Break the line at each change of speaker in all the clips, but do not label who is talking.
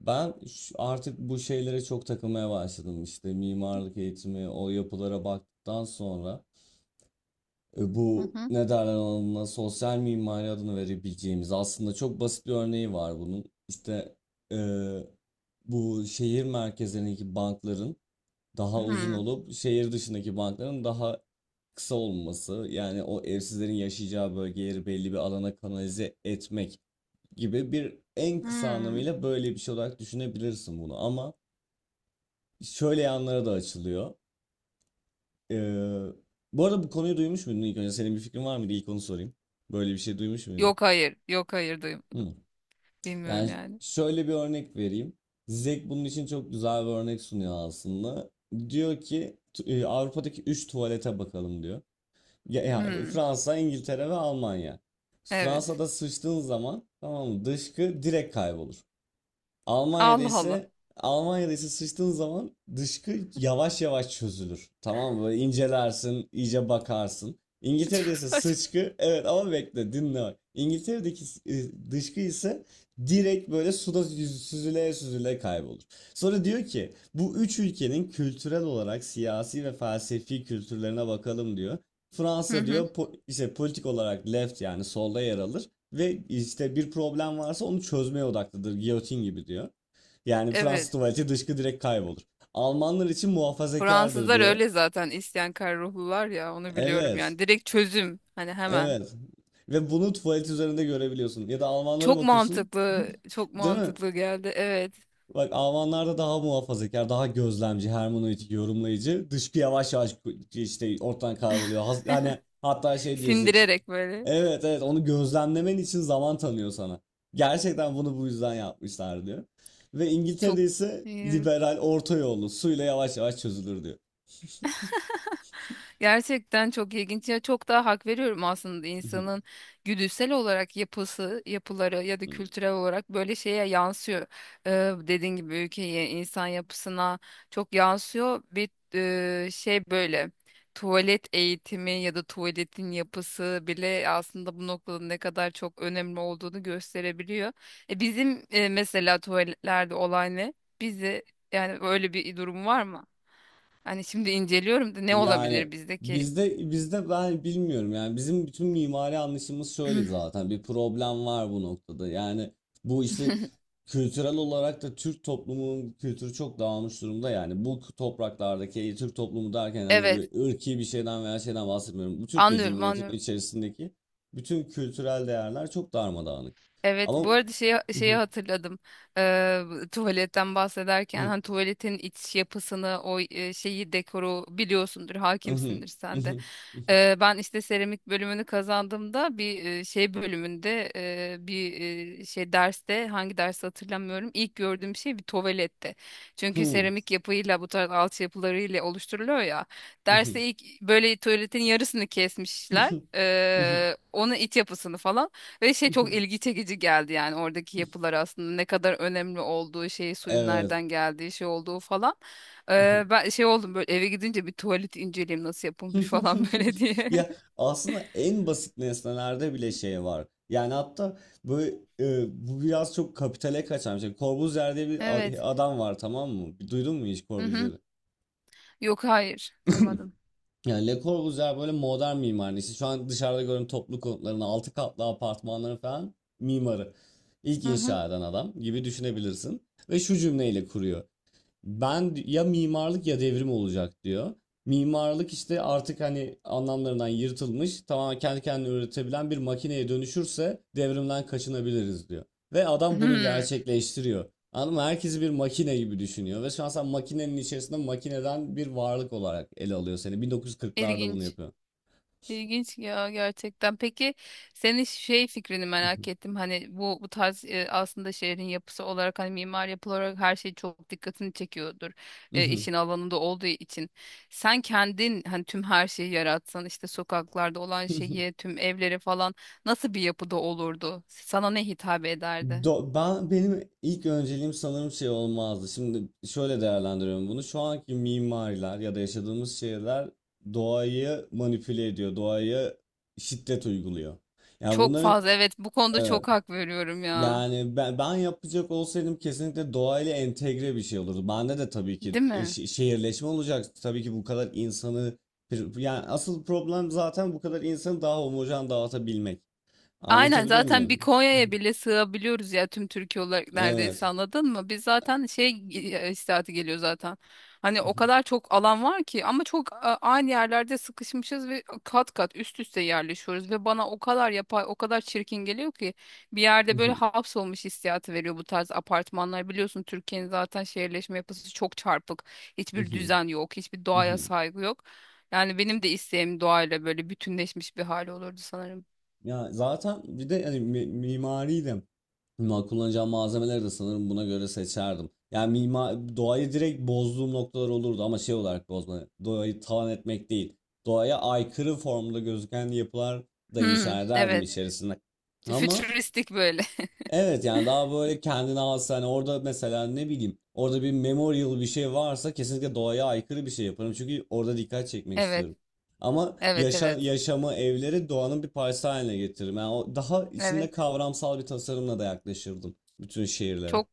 Ben artık bu şeylere çok takılmaya başladım. İşte mimarlık eğitimi, o yapılara baktıktan sonra
Hı
bu
hı.
ne derler ona sosyal mimari adını verebileceğimiz aslında çok basit bir örneği var bunun. İşte e, bu şehir merkezlerindeki bankların daha uzun
Hı.
olup şehir dışındaki bankların daha kısa olması yani o evsizlerin yaşayacağı bölgeleri belli bir alana kanalize etmek gibi bir en kısa
Hı.
anlamıyla böyle bir şey olarak düşünebilirsin bunu ama şöyle yanlara da açılıyor. Ee, Bu arada bu konuyu duymuş muydun ilk önce? Senin bir fikrin var mıydı? İlk onu sorayım. Böyle bir şey duymuş muydun?
Yok, hayır. Yok, hayır, duyum.
Hı.
Bilmiyorum
Yani
yani.
şöyle bir örnek vereyim. Zek bunun için çok güzel bir örnek sunuyor aslında. Diyor ki Avrupa'daki 3 tuvalete bakalım diyor. Ya
Hı.
Fransa, İngiltere ve Almanya.
Evet.
Fransa'da sıçtığın zaman, tamam mı? Dışkı direkt kaybolur. Almanya'da
Allah Allah.
ise Almanya'da ise sıçtığın zaman dışkı yavaş yavaş çözülür. Tamam mı? Böyle incelersin, iyice bakarsın. İngiltere'de
Çok
ise
saçma.
sıçkı, evet ama bekle dinle bak. İngiltere'deki dışkı ise direkt böyle süzüle süzüle kaybolur. Sonra diyor ki bu üç ülkenin kültürel olarak siyasi ve felsefi kültürlerine bakalım diyor.
Hı
Fransa
hı.
diyor işte politik olarak left yani solda yer alır. Ve işte bir problem varsa onu çözmeye odaklıdır. Giyotin gibi diyor. Yani
Evet.
Fransız tuvaleti dışkı direkt kaybolur. Almanlar için muhafazakardır
Fransızlar
diyor.
öyle zaten isyankar ruhlular ya, onu biliyorum
Evet.
yani. Direkt çözüm hani, hemen.
Evet. Ve bunu tuvalet üzerinde görebiliyorsun. Ya da Almanlara
Çok
bakıyorsun.
mantıklı, çok
Değil mi?
mantıklı geldi. Evet.
Bak Almanlarda daha muhafazakar, daha gözlemci, hermeneutik, yorumlayıcı. Dışkı yavaş yavaş işte ortadan kayboluyor. Yani hatta şey diyoruz Zix.
Sindirerek böyle.
Evet evet, onu gözlemlemen için zaman tanıyor sana. Gerçekten bunu bu yüzden yapmışlar diyor. Ve
Çok,
İngiltere'de ise liberal orta yolu suyla yavaş yavaş çözülür diyor.
gerçekten çok ilginç ya, çok daha hak veriyorum aslında insanın güdüsel olarak yapısı, yapıları ya da kültürel olarak böyle şeye yansıyor. Ee, Dediğin gibi ülkeye, insan yapısına çok yansıyor. Bir şey böyle, tuvalet eğitimi ya da tuvaletin yapısı bile aslında bu noktada ne kadar çok önemli olduğunu gösterebiliyor. Bizim mesela tuvaletlerde olay ne? Bizi, yani öyle bir durum var mı? Hani şimdi inceliyorum da, ne
Yani
olabilir bizdeki?
bizde ben bilmiyorum yani bizim bütün mimari anlayışımız şöyle zaten bir problem var bu noktada. Yani bu işte kültürel olarak da Türk toplumunun kültürü çok dağılmış durumda yani bu topraklardaki Türk toplumu derken hani
Evet,
böyle ırki bir şeyden veya şeyden bahsetmiyorum. Bu Türkiye
anlıyorum,
Cumhuriyeti'nin
anlıyorum.
içerisindeki bütün kültürel değerler çok darmadağınık.
Evet,
Ama
bu arada şeyi hatırladım. Ee, Tuvaletten bahsederken hani tuvaletin iç yapısını, o şeyi, dekoru biliyorsundur, hakimsindir sen de. Ben işte seramik bölümünü kazandığımda bir şey bölümünde bir şey derste, hangi dersi hatırlamıyorum. İlk gördüğüm şey bir tuvaletti. Çünkü seramik yapıyla bu tarz altyapılarıyla oluşturuluyor ya. Derste ilk böyle tuvaletin yarısını kesmişler. Onun iç yapısını falan ve şey, çok ilgi çekici geldi yani oradaki yapılar aslında ne kadar önemli olduğu, şey, suyun
Evet.
nereden geldiği şey olduğu falan. Ben şey oldum, böyle eve gidince bir tuvalet inceleyeyim nasıl yapılmış falan böyle diye.
Ya aslında en basit nesnelerde bile şey var. Yani hatta böyle bu biraz çok kapitale kaçan bir şey. Corbusier diye bir
Evet.
adam var, tamam mı? Duydun mu hiç
Hı hı.
Corbusier'i?
Yok, hayır. Duymadım.
Yani Le Corbusier böyle modern mimarın işte şu an dışarıda gördüğün toplu konutların altı katlı apartmanların falan mimarı. İlk
Hı hı.
inşa eden adam gibi düşünebilirsin. Ve şu cümleyle kuruyor. Ben ya mimarlık ya devrim olacak diyor. Mimarlık işte artık hani anlamlarından yırtılmış, tamamen kendi kendine üretebilen bir makineye dönüşürse devrimden kaçınabiliriz diyor. Ve adam bunu
Hmm,
gerçekleştiriyor. Anladın mı? Herkesi bir makine gibi düşünüyor. Ve şu an sen makinenin içerisinde makineden bir varlık olarak ele alıyor seni. 1940'larda bunu
ilginç.
yapıyor.
İlginç ya, gerçekten. Peki, senin şey fikrini merak ettim. Hani bu tarz aslında şehrin yapısı olarak, hani mimar yapı olarak her şey çok dikkatini çekiyordur. İşin alanında olduğu için. Sen kendin hani tüm her şeyi yaratsan, işte sokaklarda olan şeyi, tüm evleri falan, nasıl bir yapıda olurdu? Sana ne hitap ederdi?
Ben benim ilk önceliğim sanırım şey olmazdı. Şimdi şöyle değerlendiriyorum bunu. Şu anki mimariler ya da yaşadığımız şehirler doğayı manipüle ediyor, doğaya şiddet uyguluyor. Yani
Çok
bunların
fazla, evet, bu konuda
evet.
çok hak veriyorum ya.
Yani ben yapacak olsaydım kesinlikle doğayla entegre bir şey olurdu. Bende de tabii ki
Değil mi?
şehirleşme olacak. Tabii ki bu kadar insanı yani asıl problem zaten bu kadar insanı daha homojen dağıtabilmek.
Aynen,
Anlatabiliyor
zaten bir
muyum?
Konya'ya bile sığabiliyoruz ya tüm Türkiye olarak
Evet.
neredeyse, anladın mı? Biz zaten şey, istihati geliyor zaten. Hani o kadar çok alan var ki, ama çok aynı yerlerde sıkışmışız ve kat kat üst üste yerleşiyoruz ve bana o kadar yapay, o kadar çirkin geliyor ki bir yerde böyle hapsolmuş hissiyatı veriyor bu tarz apartmanlar. Biliyorsun, Türkiye'nin zaten şehirleşme yapısı çok çarpık. Hiçbir düzen yok, hiçbir
Hı
doğaya
hı.
saygı yok. Yani benim de isteğim doğayla böyle bütünleşmiş bir hali olurdu sanırım.
Ya zaten bir de hani mimari de kullanacağım malzemeleri de sanırım buna göre seçerdim. Yani mimar doğayı direkt bozduğum noktalar olurdu ama şey olarak bozma. Doğayı talan etmek değil. Doğaya aykırı formda gözüken yapılar da
Hmm,
inşa ederdim
evet.
içerisinde. Ama
Fütüristik böyle.
evet yani daha böyle kendine has hani orada mesela ne bileyim orada bir memorial bir şey varsa kesinlikle doğaya aykırı bir şey yaparım çünkü orada dikkat çekmek
Evet.
istiyorum. Ama
Evet, evet.
yaşamı evleri doğanın bir parçası haline getiririm. Yani o daha içinde
Evet.
kavramsal bir tasarımla da yaklaşırdım bütün şehirlere.
Çok,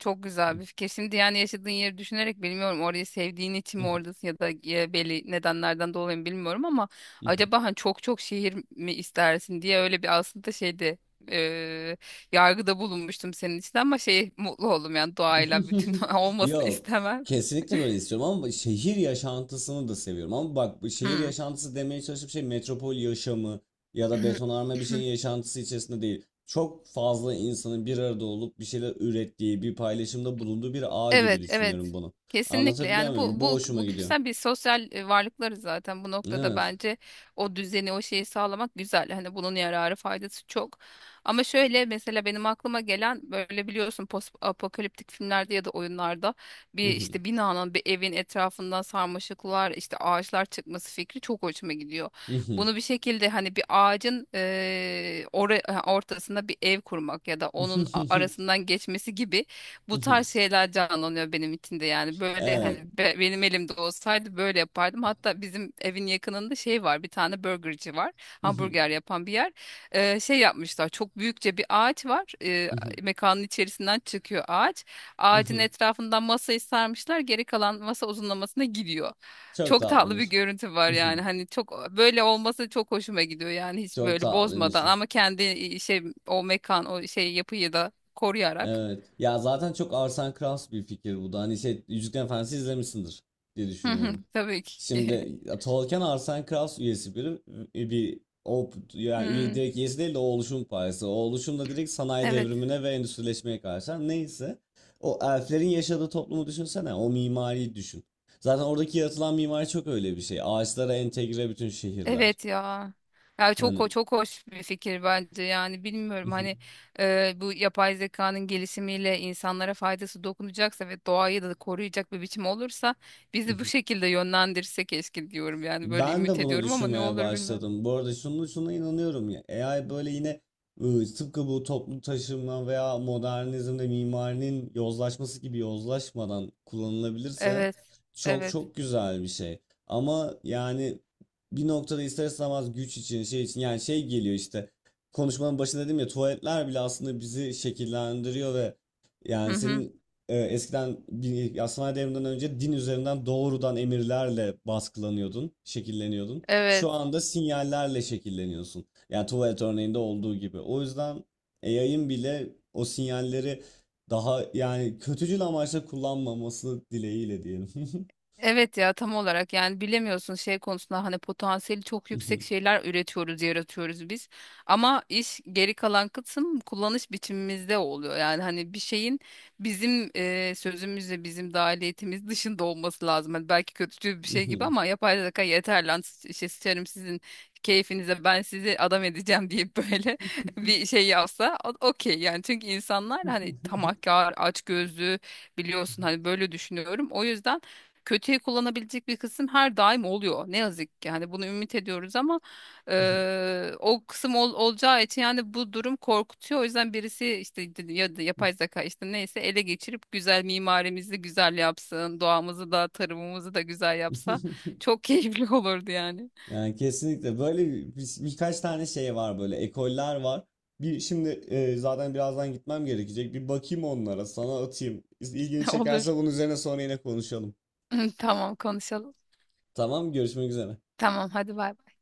çok güzel bir fikir. Şimdi yani yaşadığın yeri düşünerek, bilmiyorum, orayı sevdiğin için mi oradasın ya da belli nedenlerden dolayı mı bilmiyorum ama acaba hani çok, çok şehir mi istersin diye öyle bir aslında şeyde, e, yargıda bulunmuştum senin için ama şey, mutlu oldum yani doğayla bütün olmasını
Yok.
istemem.
Kesinlikle böyle istiyorum ama şehir yaşantısını da seviyorum. Ama bak bu şehir
Hmm.
yaşantısı demeye çalıştığım şey metropol yaşamı ya da betonarme bir şeyin yaşantısı içerisinde değil. Çok fazla insanın bir arada olup bir şeyler ürettiği, bir paylaşımda bulunduğu bir ağ gibi
Evet,
düşünüyorum
evet.
bunu.
Kesinlikle.
Anlatabiliyor
Yani
muyum?
bu
Bu
bu
hoşuma
bu
gidiyor.
güzel bir sosyal varlıklarız zaten bu noktada,
Evet.
bence o düzeni, o şeyi sağlamak güzel. Hani bunun yararı, faydası çok. Ama şöyle mesela benim aklıma gelen, böyle biliyorsun post apokaliptik filmlerde ya da oyunlarda bir işte binanın, bir evin etrafından sarmaşıklar, işte ağaçlar çıkması fikri çok hoşuma gidiyor. Bunu bir şekilde hani bir ağacın ortasında bir ev kurmak ya da onun arasından geçmesi gibi bu tarz şeyler canlanıyor benim içinde yani böyle hani
Evet.
benim elimde olsaydı böyle yapardım. Hatta bizim evin yakınında şey var, bir tane burgerci var, hamburger yapan bir yer. Şey yapmışlar, çok büyükçe bir ağaç var. Mekanın içerisinden çıkıyor ağaç, ağacın etrafından masayı sarmışlar, geri kalan masa uzunlamasına gidiyor.
Çok
Çok tatlı bir
tatlıymış.
görüntü var yani, hani çok böyle olması çok hoşuma gidiyor yani, hiç
Çok
böyle
tatlıymış.
bozmadan ama kendi şey, o mekan, o şey yapıyı da koruyarak.
Evet. Ya zaten çok Arsen Krauss bir fikir bu da. Hani şey Yüzüklerin Efendisi izlemişsindir diye
Hı hı,
düşünüyorum.
tabii ki.
Şimdi ya, Tolkien Arsen Krauss üyesi biri e, bir o yani üye,
Hmm,
direkt üyesi değil de o oluşum parçası. O oluşum da direkt sanayi
evet.
devrimine ve endüstrileşmeye karşı. Ha, neyse. O elflerin yaşadığı toplumu düşünsene. O mimariyi düşün. Zaten oradaki yaratılan mimari çok öyle bir şey. Ağaçlara entegre bütün şehirler.
Evet ya. Ya çok
Hani
çok hoş bir fikir bence. Yani bilmiyorum hani, bu yapay zekanın gelişimiyle insanlara faydası dokunacaksa ve doğayı da koruyacak bir biçim olursa, bizi bu şekilde yönlendirse keşke diyorum. Yani böyle
ben de
ümit
bunu
ediyorum ama ne
düşünmeye
olur bilmiyorum.
başladım. Bu arada şunu şuna inanıyorum ya. AI böyle yine tıpkı bu toplu taşıma veya modernizmde mimarinin yozlaşması gibi yozlaşmadan kullanılabilirse
Evet.
çok
Evet.
çok güzel bir şey. Ama yani bir noktada ister istemez güç için şey için yani şey geliyor işte konuşmanın başında dedim ya tuvaletler bile aslında bizi şekillendiriyor ve
Hı
yani
hı.
senin eskiden ya sanayi devriminden önce din üzerinden doğrudan emirlerle baskılanıyordun, şekilleniyordun.
Evet.
Şu anda sinyallerle şekilleniyorsun. Yani tuvalet örneğinde olduğu gibi. O yüzden yayın bile o sinyalleri daha yani kötücül amaçla kullanmaması dileğiyle diyelim.
Evet ya, tam olarak. Yani bilemiyorsun şey konusunda, hani potansiyeli çok yüksek şeyler üretiyoruz, yaratıyoruz biz. Ama iş, geri kalan kısım kullanış biçimimizde oluyor. Yani hani bir şeyin bizim sözümüzle, bizim dahiliyetimiz dışında olması lazım. Hani belki kötücül bir şey gibi ama yapay zeka, yeter lan, şey, sıçarım sizin keyfinize, ben sizi adam edeceğim deyip böyle bir şey yapsa, okey yani, çünkü insanlar hani tamahkar, açgözlü, biliyorsun, hani böyle düşünüyorum. O yüzden kötüye kullanabilecek bir kısım her daim oluyor. Ne yazık ki hani bunu ümit ediyoruz ama o kısım olacağı için yani bu durum korkutuyor. O yüzden birisi, işte ya da yapay zeka işte neyse, ele geçirip güzel mimarimizi güzel yapsın, doğamızı da tarımımızı da güzel yapsa çok keyifli olurdu yani.
Yani kesinlikle böyle birkaç tane şey var böyle ekoller var. Bir şimdi zaten birazdan gitmem gerekecek. Bir bakayım onlara, sana atayım. İlgini
Olur.
çekerse bunun üzerine sonra yine konuşalım.
Tamam, konuşalım.
Tamam, görüşmek üzere.
Tamam, hadi bay bay.